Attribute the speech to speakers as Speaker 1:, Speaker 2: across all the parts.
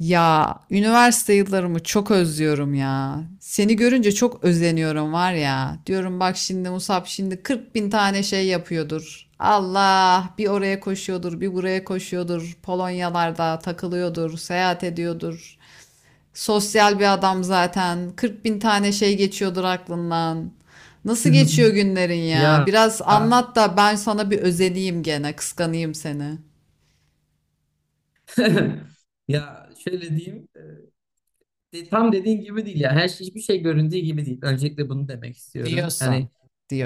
Speaker 1: Ya üniversite yıllarımı çok özlüyorum ya. Seni görünce çok özeniyorum var ya. Diyorum bak şimdi Musab şimdi 40 bin tane şey yapıyordur. Allah bir oraya koşuyordur, bir buraya koşuyordur. Polonyalarda takılıyordur, seyahat ediyordur. Sosyal bir adam zaten. 40 bin tane şey geçiyordur aklından. Nasıl geçiyor günlerin ya?
Speaker 2: Ya
Speaker 1: Biraz anlat da ben sana bir özeneyim gene, kıskanayım seni.
Speaker 2: ya şöyle diyeyim. Tam dediğin gibi değil ya. Her şey hiçbir şey göründüğü gibi değil. Öncelikle bunu demek istiyorum.
Speaker 1: Diyorsan.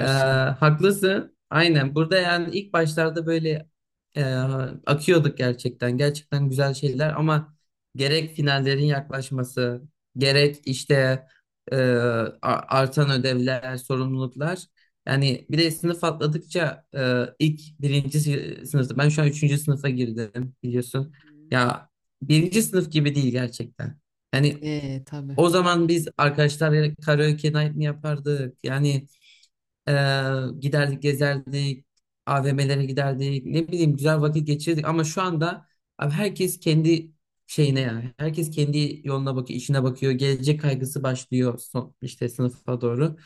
Speaker 2: e, Haklısın. Aynen. Burada yani ilk başlarda böyle e, akıyorduk gerçekten. Gerçekten güzel şeyler ama gerek finallerin yaklaşması,
Speaker 1: Hı hı.
Speaker 2: gerek işte e, artan ödevler, sorumluluklar. Yani bir de sınıf atladıkça ilk sınıfta. Ben şu an üçüncü sınıfa girdim biliyorsun. Ya birinci sınıf gibi değil gerçekten. Hani
Speaker 1: Tabii.
Speaker 2: o zaman biz arkadaşlarla karaoke night mi yapardık? E, Giderdik gezerdik, AVM'lere giderdik, ne bileyim güzel vakit geçirdik. Ama şu anda abi herkes kendi şeyine yani. Herkes kendi yoluna bakıyor, işine bakıyor. Gelecek kaygısı başlıyor son, işte sınıfa doğru.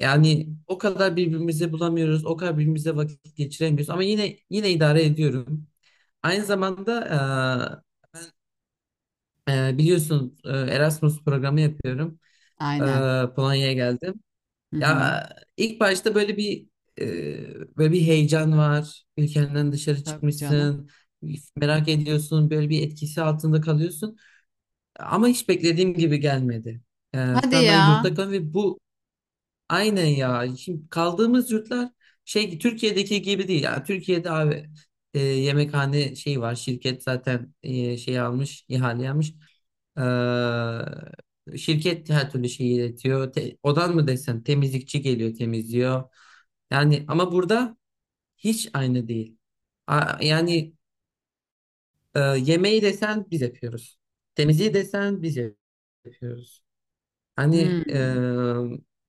Speaker 2: Yani o kadar birbirimizi bulamıyoruz, o kadar birbirimize vakit geçiremiyoruz. Ama yine idare ediyorum. Aynı zamanda biliyorsun, Erasmus programı yapıyorum. E,
Speaker 1: Aynen.
Speaker 2: Polonya'ya geldim.
Speaker 1: Hı hı.
Speaker 2: Ya ilk başta böyle bir heyecan var. Ülkenden dışarı
Speaker 1: Tabii canım.
Speaker 2: çıkmışsın. Merak ediyorsun. Böyle bir etkisi altında kalıyorsun. Ama hiç beklediğim gibi gelmedi. Şu
Speaker 1: Hadi
Speaker 2: an ben yurtta
Speaker 1: ya.
Speaker 2: kalıyorum ve bu Aynen ya. Şimdi kaldığımız yurtlar şey Türkiye'deki gibi değil. Yani Türkiye'de abi, yemekhane şey var. Şirket zaten şey almış, ihale almış. Şirket her türlü şeyi iletiyor. Odan mı desen temizlikçi geliyor, temizliyor. Yani ama burada hiç aynı değil. Yani yemeği desen biz yapıyoruz. Temizliği desen biz yapıyoruz. Hani e,
Speaker 1: Hmm.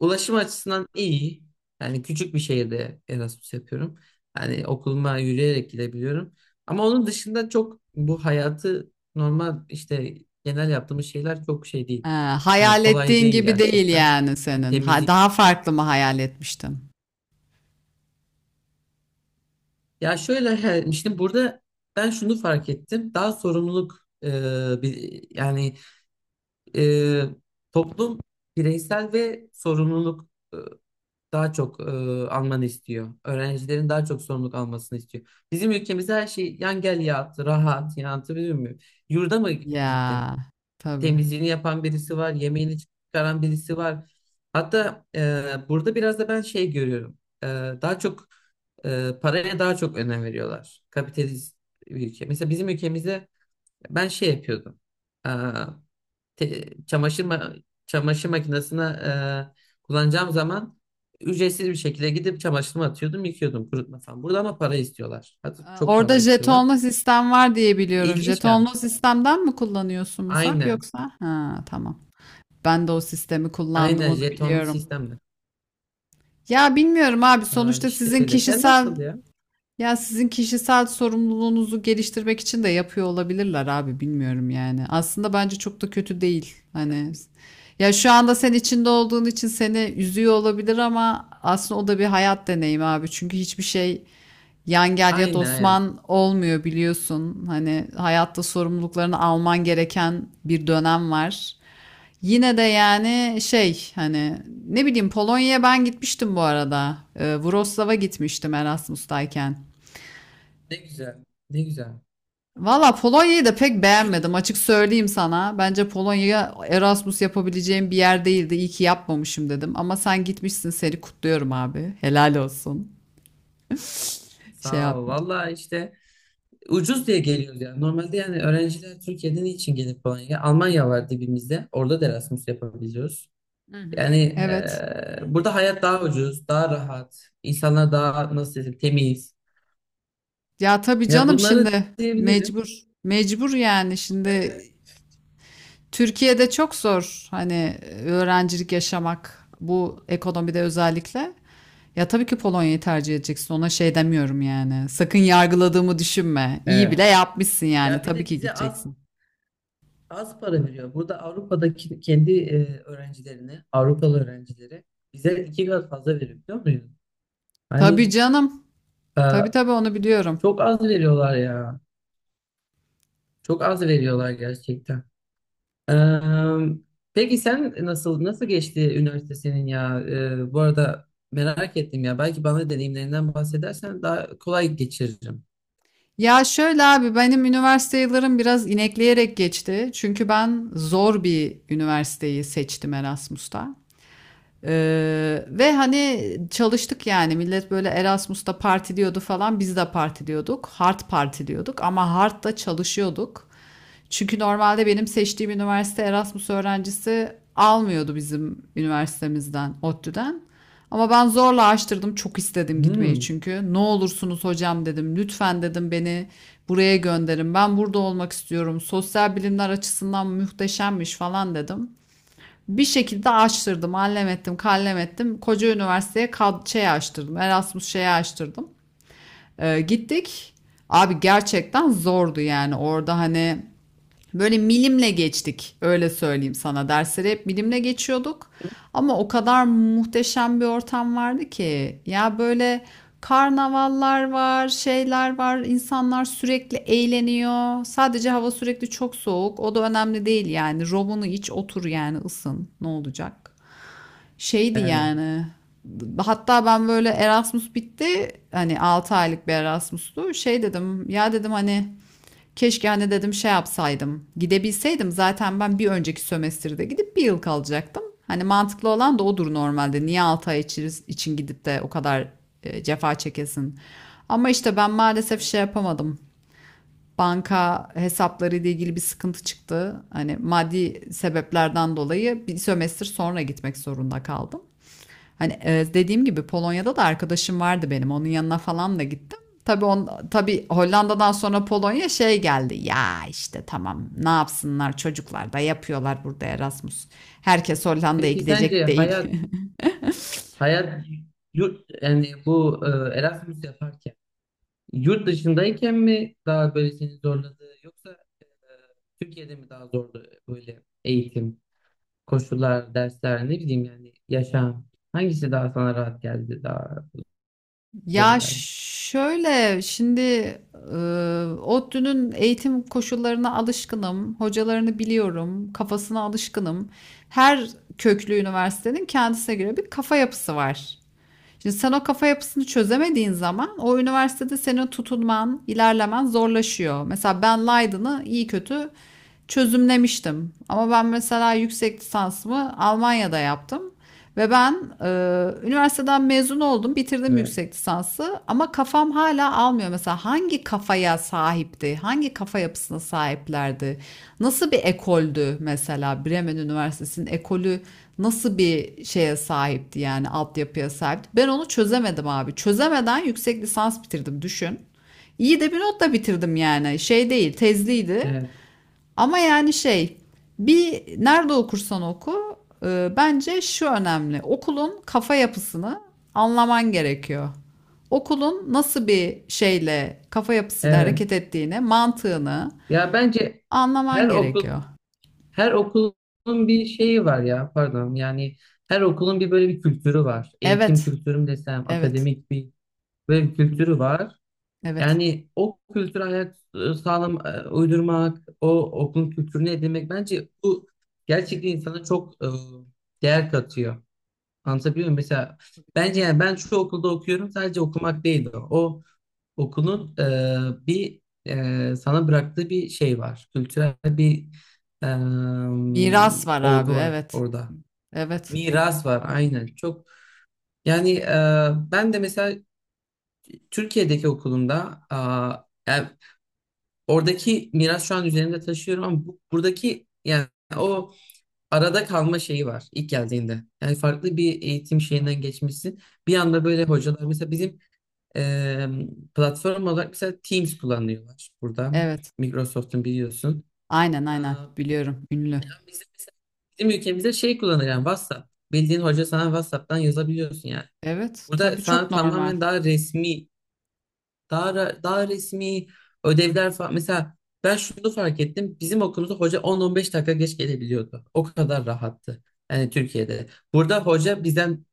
Speaker 2: Ulaşım açısından iyi. Yani küçük bir şehirde Erasmus yapıyorum. Hani okuluma yürüyerek gidebiliyorum. Ama onun dışında çok bu hayatı normal işte genel yaptığımız şeyler çok şey değil.
Speaker 1: Ha, hayal
Speaker 2: Kolay
Speaker 1: ettiğin
Speaker 2: değil
Speaker 1: gibi değil
Speaker 2: gerçekten.
Speaker 1: yani
Speaker 2: Yani
Speaker 1: senin. Ha,
Speaker 2: temizlik.
Speaker 1: daha farklı mı hayal etmiştim?
Speaker 2: Ya şöyle he, işte burada ben şunu fark ettim. Daha sorumluluk bir, yani e, toplum bireysel ve sorumluluk daha çok almanı istiyor. Öğrencilerin daha çok sorumluluk almasını istiyor. Bizim ülkemizde her şey yan gel yat, rahat, yani anlatabiliyor muyum? Yurda mı gittin?
Speaker 1: Ya tabii.
Speaker 2: Temizliğini yapan birisi var, yemeğini çıkaran birisi var. Hatta burada biraz da ben şey görüyorum. Daha çok paraya daha çok önem veriyorlar. Kapitalist bir ülke. Mesela bizim ülkemizde ben şey yapıyordum, çamaşır çamaşır makinesine kullanacağım zaman ücretsiz bir şekilde gidip çamaşırımı atıyordum, yıkıyordum kurutma falan. Burada ama para istiyorlar. Hatta
Speaker 1: Ee,
Speaker 2: çok
Speaker 1: Orada
Speaker 2: para istiyorlar.
Speaker 1: jetonlu sistem var diye biliyorum.
Speaker 2: İlginç
Speaker 1: Jetonlu
Speaker 2: gelmişti.
Speaker 1: sistemden mi kullanıyorsun Musab
Speaker 2: Aynen.
Speaker 1: yoksa? Ha, tamam. Ben de o sistemi kullandım
Speaker 2: Aynen
Speaker 1: onu
Speaker 2: jetonlu
Speaker 1: biliyorum.
Speaker 2: sistemde.
Speaker 1: Ya bilmiyorum abi
Speaker 2: Ha,
Speaker 1: sonuçta
Speaker 2: işte
Speaker 1: sizin
Speaker 2: öyle. Sen
Speaker 1: kişisel
Speaker 2: nasıl ya?
Speaker 1: Ya sizin kişisel sorumluluğunuzu geliştirmek için de yapıyor olabilirler abi bilmiyorum yani. Aslında bence çok da kötü değil. Hani
Speaker 2: Yani,
Speaker 1: ya şu anda sen içinde olduğun için seni üzüyor olabilir ama aslında o da bir hayat deneyimi abi. Çünkü hiçbir şey yan gel yat
Speaker 2: aynen, aynen.
Speaker 1: Osman olmuyor biliyorsun. Hani hayatta sorumluluklarını alman gereken bir dönem var. Yine de yani şey hani ne bileyim Polonya'ya ben gitmiştim bu arada. Wrocław'a gitmiştim Erasmus'tayken.
Speaker 2: Ne güzel. Ne güzel.
Speaker 1: Valla Polonya'yı da pek beğenmedim, açık söyleyeyim sana. Bence Polonya'ya Erasmus yapabileceğim bir yer değildi. İyi ki yapmamışım dedim. Ama sen gitmişsin, seni kutluyorum abi. Helal olsun. Şey
Speaker 2: Sağ
Speaker 1: yap.
Speaker 2: ol. Valla işte ucuz diye geliyoruz yani. Normalde yani öğrenciler Türkiye'den için gelip Polonya'ya? Almanya var dibimizde. Orada da Erasmus yapabiliyoruz.
Speaker 1: Hı
Speaker 2: Yani
Speaker 1: hı. Evet.
Speaker 2: eee, burada hayat daha ucuz, daha rahat, insanlar daha nasıl desem temiz.
Speaker 1: Ya tabii
Speaker 2: Ya
Speaker 1: canım,
Speaker 2: bunları
Speaker 1: şimdi
Speaker 2: diyebilirim.
Speaker 1: mecbur. Mecbur yani şimdi Türkiye'de çok zor hani öğrencilik yaşamak bu ekonomide özellikle. Ya tabii ki Polonya'yı tercih edeceksin. Ona şey demiyorum yani. Sakın yargıladığımı düşünme. İyi
Speaker 2: Evet.
Speaker 1: bile yapmışsın yani.
Speaker 2: Ya bir
Speaker 1: Tabii
Speaker 2: de
Speaker 1: ki
Speaker 2: bize az
Speaker 1: gideceksin.
Speaker 2: az para veriyor. Burada Avrupa'daki kendi öğrencilerine, Avrupalı öğrencilere bize iki kat fazla veriyor biliyor musun?
Speaker 1: Tabii
Speaker 2: Hani
Speaker 1: canım.
Speaker 2: e,
Speaker 1: Tabii tabii onu biliyorum.
Speaker 2: Çok az veriyorlar ya. Çok az veriyorlar gerçekten. Eee, peki sen nasıl geçti üniversite senin ya? Bu arada merak ettim ya. Belki bana deneyimlerinden bahsedersen daha kolay geçiririm.
Speaker 1: Ya şöyle abi benim üniversite yıllarım biraz inekleyerek geçti. Çünkü ben zor bir üniversiteyi seçtim Erasmus'ta. Ve hani çalıştık yani, millet böyle Erasmus'ta partiliyordu falan, biz de partiliyorduk. Hard partiliyorduk ama hard da çalışıyorduk. Çünkü normalde benim seçtiğim üniversite Erasmus öğrencisi almıyordu bizim üniversitemizden, ODTÜ'den. Ama ben zorla açtırdım. Çok istedim gitmeyi
Speaker 2: Hmm,
Speaker 1: çünkü. Ne olursunuz hocam dedim. Lütfen dedim, beni buraya gönderin. Ben burada olmak istiyorum. Sosyal bilimler açısından muhteşemmiş falan dedim. Bir şekilde açtırdım, allem ettim, kallem ettim. Koca üniversiteye kad şey açtırdım, Erasmus şeyi açtırdım. Gittik. Abi gerçekten zordu yani orada hani böyle milimle geçtik, öyle söyleyeyim sana. Dersleri hep milimle geçiyorduk. Ama o kadar muhteşem bir ortam vardı ki. Ya böyle karnavallar var, şeyler var. İnsanlar sürekli eğleniyor. Sadece hava sürekli çok soğuk. O da önemli değil yani. Robunu iç, otur yani ısın. Ne olacak? Şeydi
Speaker 2: evet.
Speaker 1: yani. Hatta ben böyle Erasmus bitti. Hani 6 aylık bir Erasmus'tu. Şey dedim, ya dedim hani keşke hani dedim şey yapsaydım. Gidebilseydim zaten ben bir önceki sömestrde gidip bir yıl kalacaktım. Hani mantıklı olan da odur normalde. Niye 6 ay için gidip de o kadar cefa çekesin. Ama işte ben maalesef şey yapamadım. Banka hesapları ile ilgili bir sıkıntı çıktı. Hani maddi sebeplerden dolayı bir sömestr sonra gitmek zorunda kaldım. Hani dediğim gibi Polonya'da da arkadaşım vardı benim. Onun yanına falan da gittim. Tabii Hollanda'dan sonra Polonya şey geldi. Ya işte tamam, ne yapsınlar, çocuklar da yapıyorlar burada Erasmus. Herkes Hollanda'ya
Speaker 2: Peki sence
Speaker 1: gidecek değil.
Speaker 2: hayat hayat yurt yani bu Erasmus yaparken yurt dışındayken mi daha böyle seni zorladı yoksa Türkiye'de mi daha zordu böyle eğitim, koşullar, dersler ne bileyim yani yaşam hangisi daha sana rahat geldi daha zor
Speaker 1: Ya
Speaker 2: geldi?
Speaker 1: şöyle şimdi e, ODTÜ'nün eğitim koşullarına alışkınım, hocalarını biliyorum, kafasına alışkınım. Her köklü üniversitenin kendisine göre bir kafa yapısı var. Şimdi sen o kafa yapısını çözemediğin zaman o üniversitede senin tutunman, ilerlemen zorlaşıyor. Mesela ben Leiden'ı iyi kötü çözümlemiştim. Ama ben mesela yüksek lisansımı Almanya'da yaptım. Ve ben e, üniversiteden mezun oldum, bitirdim
Speaker 2: Evet,
Speaker 1: yüksek lisansı yapısı ama kafam hala almıyor. Mesela hangi kafaya sahipti? Hangi kafa yapısına sahiplerdi? Nasıl bir ekoldü mesela Bremen Üniversitesi'nin ekolü, nasıl bir şeye sahipti yani altyapıya sahipti? Ben onu çözemedim abi. Çözemeden yüksek lisans bitirdim, düşün. İyi de bir notla bitirdim yani. Şey değil, tezliydi.
Speaker 2: evet,
Speaker 1: Ama yani şey bir nerede okursan oku bence şu önemli. Okulun kafa yapısını anlaman gerekiyor. Okulun nasıl bir şeyle kafa yapısıyla
Speaker 2: evet.
Speaker 1: hareket ettiğini, mantığını
Speaker 2: Ya bence her
Speaker 1: anlaman
Speaker 2: okul
Speaker 1: gerekiyor.
Speaker 2: her okulun bir şeyi var ya pardon yani her okulun bir böyle bir kültürü var. Eğitim
Speaker 1: Evet,
Speaker 2: kültürü mü desem
Speaker 1: evet,
Speaker 2: akademik bir böyle bir kültürü var.
Speaker 1: evet.
Speaker 2: Yani o kültürü hayat sağlam uydurmak, o okulun kültürünü edinmek bence bu gerçekten insana çok değer katıyor. Anlatabiliyor muyum? Mesela
Speaker 1: Tabii,
Speaker 2: bence
Speaker 1: tabii.
Speaker 2: yani ben şu okulda okuyorum sadece okumak değil o. O okulun bir, sana bıraktığı bir şey var. Kültürel bir e,
Speaker 1: Miras var abi,
Speaker 2: olgu var
Speaker 1: evet.
Speaker 2: orada.
Speaker 1: Evet,
Speaker 2: Miras var aynen. Çok yani, ben de mesela Türkiye'deki okulumda a, yani oradaki miras şu an üzerinde taşıyorum ama buradaki yani o arada kalma şeyi var ilk geldiğinde. Yani farklı bir eğitim şeyinden geçmişsin. Bir anda böyle hocalar mesela bizim Eee, platform olarak mesela Teams kullanıyorlar burada.
Speaker 1: evet.
Speaker 2: Microsoft'un biliyorsun.
Speaker 1: Aynen,
Speaker 2: Eee,
Speaker 1: aynen. Biliyorum, ünlü.
Speaker 2: bizim, mesela- Bizim ülkemizde şey kullanıyor yani WhatsApp. Bildiğin hoca sana WhatsApp'tan yazabiliyorsun yani.
Speaker 1: Evet,
Speaker 2: Burada
Speaker 1: tabii,
Speaker 2: sana
Speaker 1: çok normal.
Speaker 2: tamamen daha resmi, daha resmi ödevler falan. Mesela ben şunu fark ettim. Bizim okulumuzda hoca 10-15 dakika geç gelebiliyordu. O kadar rahattı. Yani Türkiye'de. Burada hoca bizden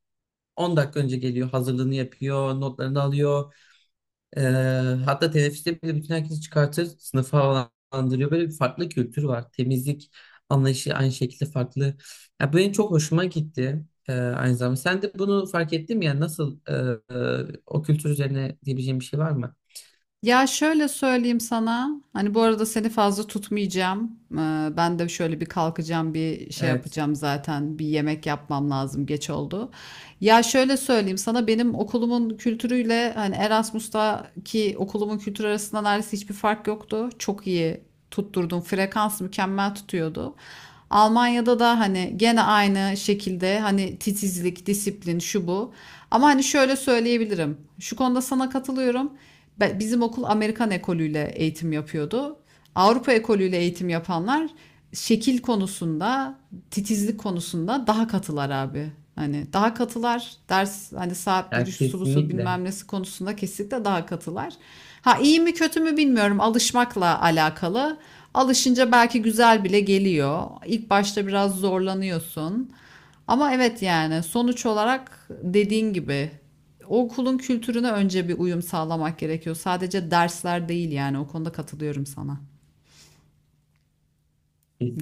Speaker 2: 10 dakika önce geliyor, hazırlığını yapıyor, notlarını alıyor. Ee, Hatta teneffüste bile bütün herkesi çıkartır, sınıfı havalandırıyor. Böyle bir farklı kültür var. Temizlik anlayışı aynı şekilde farklı. Ya bu benim çok hoşuma gitti, aynı zamanda. Sen de bunu fark ettin mi? Yani nasıl o kültür üzerine diyebileceğim bir şey var mı?
Speaker 1: Ya şöyle söyleyeyim sana. Hani bu arada seni fazla tutmayacağım. Ben de şöyle bir kalkacağım, bir şey
Speaker 2: Evet.
Speaker 1: yapacağım zaten. Bir yemek yapmam lazım. Geç oldu. Ya şöyle söyleyeyim sana, benim okulumun kültürüyle hani Erasmus'taki okulumun kültürü arasında neredeyse hiçbir fark yoktu. Çok iyi tutturdum. Frekans mükemmel tutuyordu. Almanya'da da hani gene aynı şekilde hani titizlik, disiplin, şu bu. Ama hani şöyle söyleyebilirim. Şu konuda sana katılıyorum. Bizim okul Amerikan ekolüyle eğitim yapıyordu. Avrupa ekolüyle eğitim yapanlar şekil konusunda, titizlik konusunda daha katılar abi. Hani daha katılar ders hani saatleri
Speaker 2: Ya
Speaker 1: şusu busu
Speaker 2: kesinlikle.
Speaker 1: bilmem nesi konusunda, kesinlikle daha katılar. Ha iyi mi kötü mü bilmiyorum, alışmakla alakalı. Alışınca belki güzel bile geliyor. İlk başta biraz zorlanıyorsun. Ama evet yani sonuç olarak dediğin gibi okulun kültürüne önce bir uyum sağlamak gerekiyor. Sadece dersler değil yani, o konuda katılıyorum sana.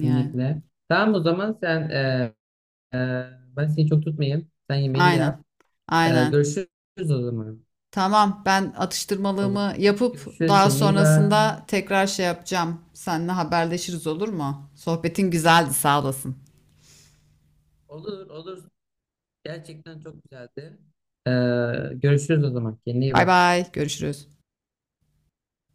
Speaker 1: Yani
Speaker 2: Tamam o zaman e, ben seni çok tutmayayım. Sen yemeğini de
Speaker 1: aynen,
Speaker 2: yap.
Speaker 1: aynen.
Speaker 2: Görüşürüz o zaman.
Speaker 1: Tamam, ben
Speaker 2: O zaman.
Speaker 1: atıştırmalığımı yapıp
Speaker 2: Görüşürüz.
Speaker 1: daha
Speaker 2: Kendine iyi bak.
Speaker 1: sonrasında tekrar şey yapacağım. Seninle haberleşiriz, olur mu? Sohbetin güzeldi, sağ olasın.
Speaker 2: Olur, olur. Gerçekten çok güzeldi. Ee, Görüşürüz o zaman. Kendine iyi
Speaker 1: Bay
Speaker 2: bak.
Speaker 1: bay, görüşürüz.